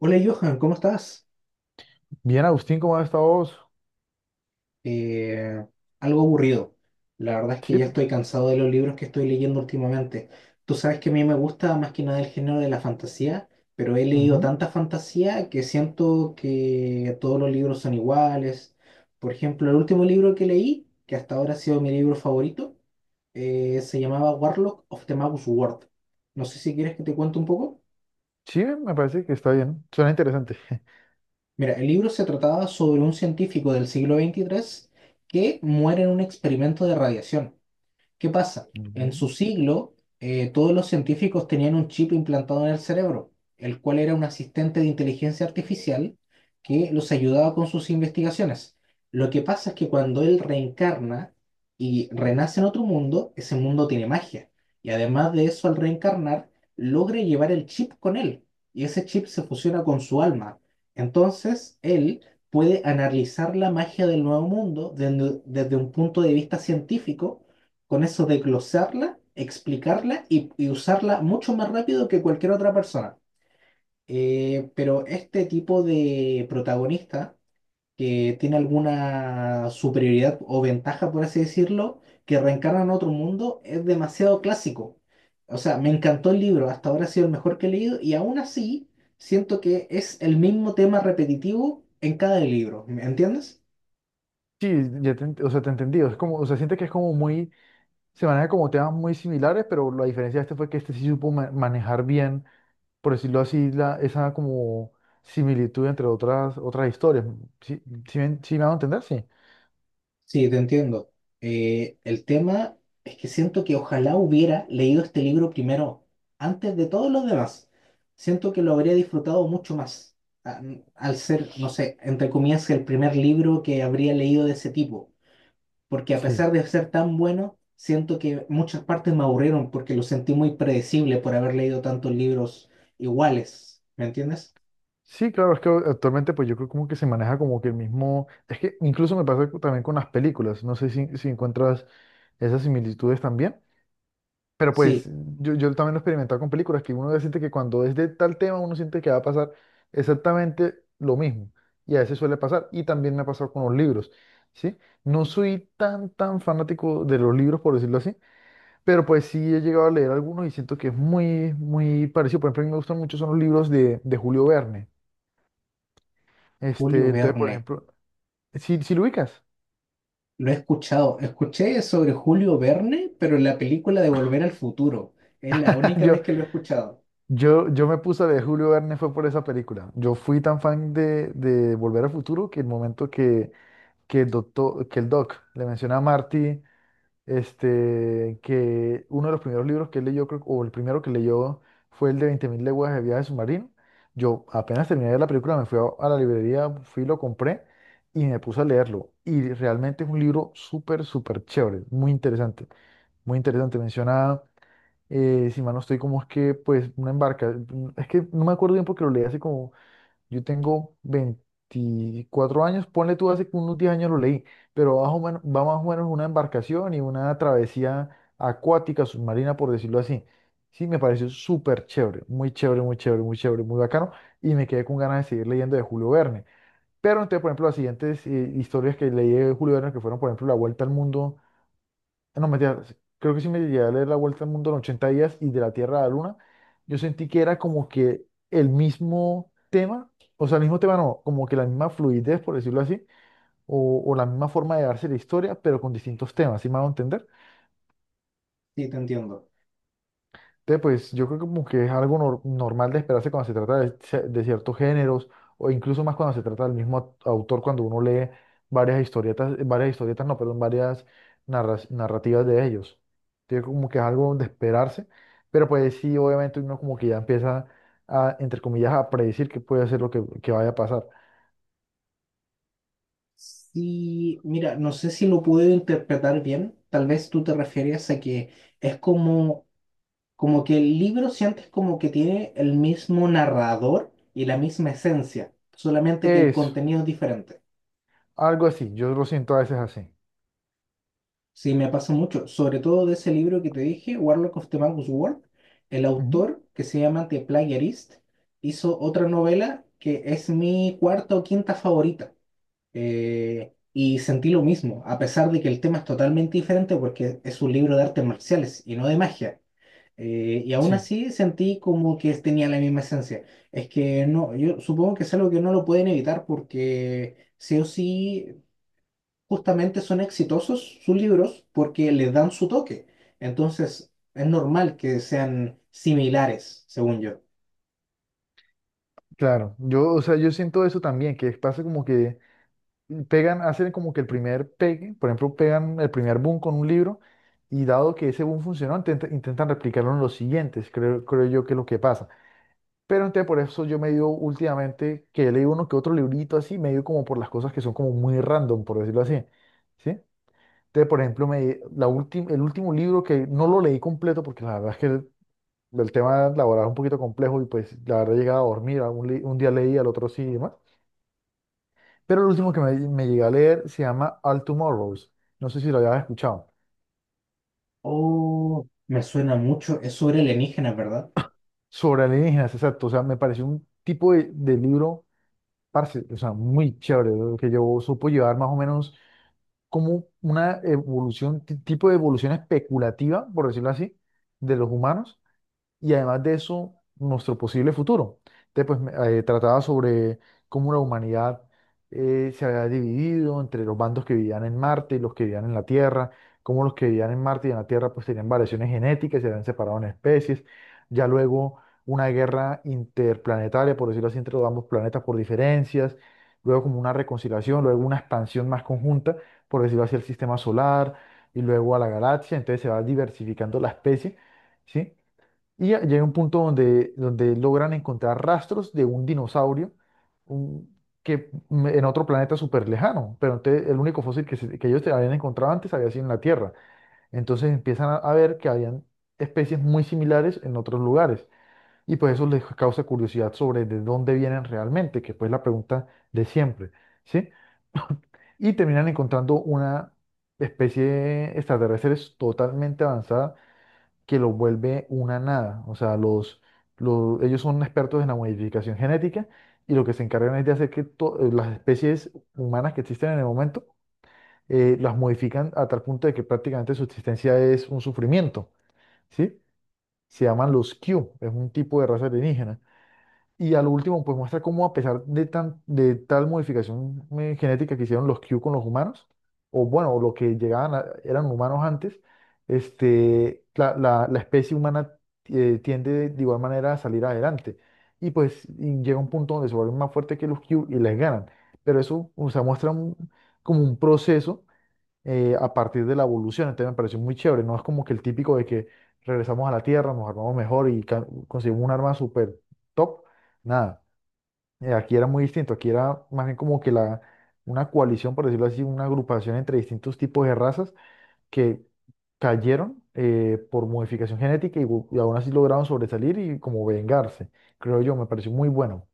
Hola Johan, ¿cómo estás? Bien, Agustín, ¿cómo has estado vos? Eh, algo aburrido. La verdad es que Sí, ya estoy cansado de los libros que estoy leyendo últimamente. Tú sabes que a mí me gusta más que nada el género de la fantasía, pero he leído ujú. tanta fantasía que siento que todos los libros son iguales. Por ejemplo, el último libro que leí, que hasta ahora ha sido mi libro favorito, se llamaba Warlock of the Magus World. No sé si quieres que te cuente un poco. Sí, me parece que está bien. Suena interesante. Mira, el libro se trataba sobre un científico del siglo 23 que muere en un experimento de radiación. ¿Qué pasa? En Ujú. su siglo, todos los científicos tenían un chip implantado en el cerebro, el cual era un asistente de inteligencia artificial que los ayudaba con sus investigaciones. Lo que pasa es que cuando él reencarna y renace en otro mundo, ese mundo tiene magia. Y además de eso, al reencarnar, logra llevar el chip con él. Y ese chip se fusiona con su alma. Entonces, él puede analizar la magia del nuevo mundo desde un punto de vista científico con eso de glosarla, explicarla y usarla mucho más rápido que cualquier otra persona. Pero este tipo de protagonista que tiene alguna superioridad o ventaja, por así decirlo, que reencarna en otro mundo, es demasiado clásico. O sea, me encantó el libro, hasta ahora ha sido el mejor que he leído y aún así siento que es el mismo tema repetitivo en cada libro, ¿me entiendes? Sí, ya te, o sea, te entendí. Es como, o sea, siente que es como muy, se maneja como temas muy similares, pero la diferencia de este fue que este sí supo manejar bien, por decirlo así, la, esa como similitud entre otras historias. ¿Sí, sí, sí me hago entender? Sí. Sí, te entiendo. El tema es que siento que ojalá hubiera leído este libro primero, antes de todos los demás. Siento que lo habría disfrutado mucho más, a- al ser, no sé, entre comillas, el primer libro que habría leído de ese tipo. Porque a Sí. pesar de ser tan bueno, siento que muchas partes me aburrieron porque lo sentí muy predecible por haber leído tantos libros iguales. ¿Me entiendes? Sí, claro, es que actualmente pues yo creo como que se maneja como que el mismo, es que incluso me pasa también con las películas. No sé si, si encuentras esas similitudes también. Pero pues Sí, yo también lo he experimentado con películas, que uno siente que cuando es de tal tema uno siente que va a pasar exactamente lo mismo. Y a veces suele pasar. Y también me ha pasado con los libros, ¿sí? No soy tan, tan fanático de los libros, por decirlo así, pero pues sí he llegado a leer algunos y siento que es muy, muy parecido. Por ejemplo, a mí me gustan mucho son los libros de Julio Verne. Julio Este, entonces, por Verne. ejemplo, si, si lo ubicas, Lo he escuchado. Escuché sobre Julio Verne, pero en la película de Volver al Futuro. Es la única vez yo, que lo he escuchado. yo me puse a leer Julio Verne fue por esa película. Yo fui tan fan de Volver al Futuro que el momento que el doctor, que el doc le menciona a Marty, este, que uno de los primeros libros que él leyó, creo, o el primero que leyó fue el de 20.000 leguas de viaje submarino. Yo apenas terminé de ver la película, me fui a la librería, fui, lo compré y me puse a leerlo. Y realmente es un libro súper, súper chévere, muy interesante, muy interesante. Menciona, si mal no estoy, como es que, pues, una embarca, es que no me acuerdo bien porque lo leí hace como yo tengo 24 años, ponle tú hace unos 10 años lo leí, pero bajo, bueno, va más o menos una embarcación y una travesía acuática, submarina, por decirlo así. Sí, me pareció súper chévere, muy chévere, muy chévere, muy chévere, muy bacano, y me quedé con ganas de seguir leyendo de Julio Verne. Pero entonces, por ejemplo, las siguientes historias que leí de Julio Verne, que fueron, por ejemplo, La Vuelta al Mundo. Ah, no, mentira, sí, creo que sí me llegué a leer La Vuelta al Mundo en 80 días y de la Tierra a la Luna. Yo sentí que era como que el mismo tema, o sea, el mismo tema no, como que la misma fluidez, por decirlo así, o la misma forma de darse la historia, pero con distintos temas, ¿sí me hago entender? Sí, te entiendo. Te, pues yo creo que como que es algo normal de esperarse cuando se trata de, de ciertos géneros o incluso más cuando se trata del mismo autor, cuando uno lee varias historietas, no, perdón, varias narrativas de ellos. Entonces como que es algo de esperarse, pero pues sí, obviamente uno como que ya empieza a, entre comillas, a predecir qué puede ser lo que vaya a pasar. Sí, mira, no sé si lo puedo interpretar bien. Tal vez tú te referías a que es como, como que el libro sientes como que tiene el mismo narrador y la misma esencia, solamente que el Eso, contenido es diferente. algo así, yo lo siento a veces así. Sí, me pasa mucho, sobre todo de ese libro que te dije, Warlock of the Magus World. El Ujú. autor, que se llama The Plagiarist, hizo otra novela que es mi cuarta o quinta favorita. Y sentí lo mismo, a pesar de que el tema es totalmente diferente porque es un libro de artes marciales y no de magia. Y aún Sí, así sentí como que tenía la misma esencia. Es que no, yo supongo que es algo que no lo pueden evitar porque sí o sí justamente son exitosos sus libros porque les dan su toque. Entonces, es normal que sean similares, según yo. claro. Yo, o sea, yo siento eso también, que pasa como que pegan, hacen como que el primer pegue, por ejemplo, pegan el primer boom con un libro y dado que ese boom funcionó, intentan replicarlo en los siguientes, creo, creo yo que es lo que pasa. Pero entonces por eso yo me dio últimamente, que he leído uno que otro librito así, me dio como por las cosas que son como muy random, por decirlo así, ¿sí? Entonces, por ejemplo, me, la el último libro que no lo leí completo porque la verdad es que el tema laboral es un poquito complejo y pues la verdad llegaba a dormir, a un, un día leí, al otro sí y demás, pero el último que me llegué a leer se llama All Tomorrows. No sé si lo habías escuchado. Oh, me suena mucho. Es sobre alienígenas, ¿verdad? Sobre alienígenas, exacto. O sea, me pareció un tipo de libro, parce, o sea, muy chévere, lo que yo supo llevar más o menos como una evolución, tipo de evolución especulativa, por decirlo así, de los humanos y además de eso, nuestro posible futuro. Entonces, trataba sobre cómo la humanidad se había dividido entre los bandos que vivían en Marte y los que vivían en la Tierra, cómo los que vivían en Marte y en la Tierra pues tenían variaciones genéticas, se habían separado en especies, ya luego una guerra interplanetaria, por decirlo así, entre los ambos planetas por diferencias, luego como una reconciliación, luego una expansión más conjunta, por decirlo así, el sistema solar y luego a la galaxia, entonces se va diversificando la especie. ¿Sí? Y ya llega un punto donde, donde logran encontrar rastros de un dinosaurio un- en otro planeta súper lejano, pero entonces el único fósil que, que ellos te habían encontrado antes había sido en la Tierra. Entonces empiezan a ver que habían especies muy similares en otros lugares y pues eso les causa curiosidad sobre de dónde vienen realmente, que pues es la pregunta de siempre, ¿sí? Y terminan encontrando una especie extraterrestre totalmente avanzada que los vuelve una nada. O sea, ellos son expertos en la modificación genética y lo que se encargan es de hacer que las especies humanas que existen en el momento las modifican a tal punto de que prácticamente su existencia es un sufrimiento, ¿sí? Se llaman los Q, es un tipo de raza alienígena. Y al último, pues muestra cómo a pesar de, tan, de tal modificación genética que hicieron los Q con los humanos, o bueno, lo que llegaban a- eran humanos antes, este, la, la especie humana tiende de igual manera a salir adelante. Y pues y llega un punto donde se vuelven más fuertes que los Q y les ganan. Pero eso, o sea, muestra como un proceso a partir de la evolución. Entonces me pareció muy chévere. No es como que el típico de que regresamos a la Tierra, nos armamos mejor y conseguimos un arma súper top. Nada. Aquí era muy distinto. Aquí era más bien como que la, una coalición, por decirlo así, una agrupación entre distintos tipos de razas que cayeron por modificación genética y, y aún así lograron sobresalir y como vengarse. Creo yo, me pareció muy bueno.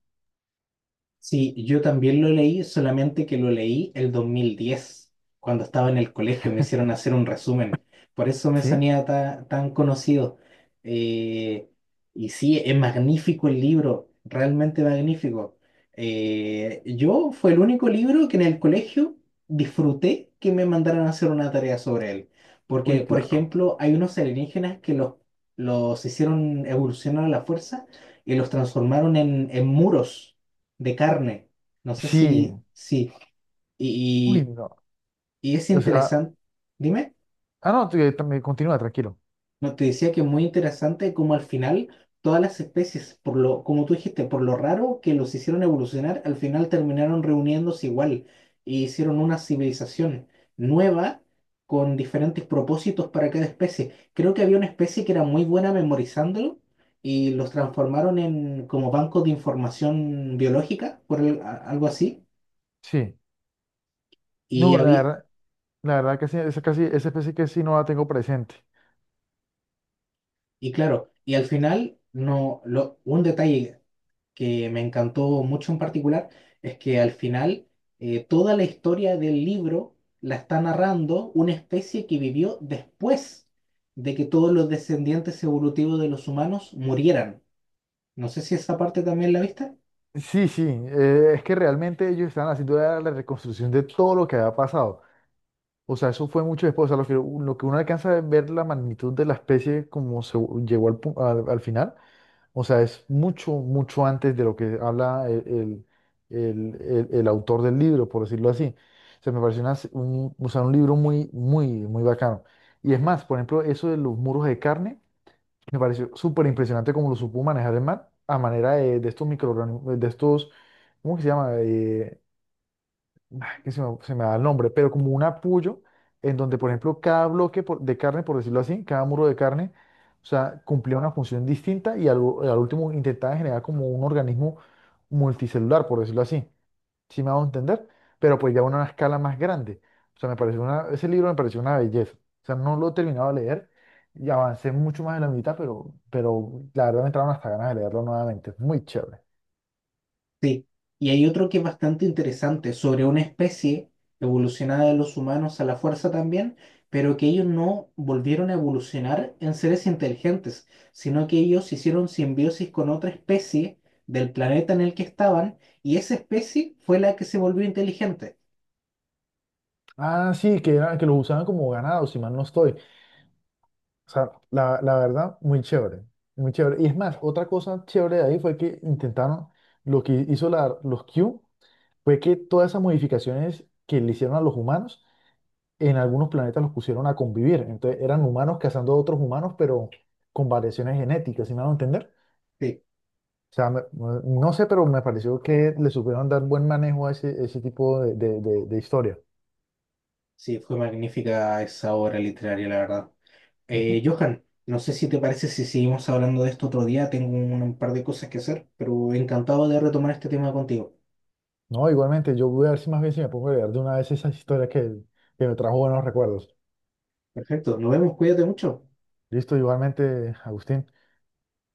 Sí, yo también lo leí, solamente que lo leí el 2010 cuando estaba en el colegio, me hicieron hacer un resumen. Por eso me ¿Sí? sonía tan conocido. Eh, y sí, es magnífico el libro, realmente magnífico. Yo fue el único libro que en el colegio disfruté que me mandaran a hacer una tarea sobre él. Porque, Uy, por claro. ejemplo, hay unos alienígenas que los hicieron evolucionar a la fuerza y los transformaron en muros de carne. No sé Sí. si, sí. Uy, Y, no. y es O sea, interesante. Dime, ah, no, también continúa, tranquilo. no te decía que es muy interesante como al final todas las especies, por lo, como tú dijiste, por lo raro que los hicieron evolucionar, al final terminaron reuniéndose igual y hicieron una civilización nueva con diferentes propósitos para cada especie. Creo que había una especie que era muy buena memorizándolo y los transformaron en como bancos de información biológica, por algo así. Sí. Y No, había, la verdad que sí, esa, casi, esa especie que sí no la tengo presente. y claro, y al final, no, lo, un detalle que me encantó mucho en particular es que al final toda la historia del libro la está narrando una especie que vivió después de que todos los descendientes evolutivos de los humanos murieran. No sé si esa parte también la viste. Sí, sí, es que realmente ellos estaban haciendo la reconstrucción de todo lo que había pasado. O sea, eso fue mucho después. O sea, lo que uno alcanza a ver la magnitud de la especie como se llegó al, al final. O sea, es mucho, mucho antes de lo que habla el, el autor del libro, por decirlo así. O sea, me pareció un, o sea, un libro muy, muy, muy bacano. Y es más, por ejemplo, eso de los muros de carne. Me pareció súper impresionante cómo lo supo manejar el man a manera de estos microorganismos, de estos, ¿cómo que se llama? Que se me da el nombre, pero como un apoyo en donde, por ejemplo, cada bloque de carne, por decirlo así, cada muro de carne, o sea, cumplía una función distinta y al último intentaba generar como un organismo multicelular, por decirlo así, si me hago entender, pero pues ya una escala más grande. O sea, me pareció una, ese libro me pareció una belleza. O sea, no lo he terminado de leer y avancé mucho más de la mitad, pero la verdad me entraron hasta ganas de leerlo nuevamente. Es muy chévere. Sí, y hay otro que es bastante interesante sobre una especie evolucionada de los humanos a la fuerza también, pero que ellos no volvieron a evolucionar en seres inteligentes, sino que ellos hicieron simbiosis con otra especie del planeta en el que estaban y esa especie fue la que se volvió inteligente. Ah, sí, que, era, que los usaban como ganado, si mal no estoy. O sea, la verdad, muy chévere. Muy chévere. Y es más, otra cosa chévere de ahí fue que intentaron, lo que hizo la, los Q, fue que todas esas modificaciones que le hicieron a los humanos, en algunos planetas los pusieron a convivir. Entonces eran humanos cazando a otros humanos, pero con variaciones genéticas, ¿sí me van a entender? Sí, O sea, no sé, pero me pareció que le supieron dar buen manejo a ese tipo de historia. sí, fue magnífica esa obra literaria, la verdad. Ujú. Johan, no sé si te parece si seguimos hablando de esto otro día, tengo un par de cosas que hacer, pero encantado de retomar este tema contigo. No, igualmente, yo voy a ver si más bien si me pongo a leer de una vez esas historias que me trajo buenos recuerdos. Perfecto, nos vemos, cuídate mucho. Listo, igualmente, Agustín.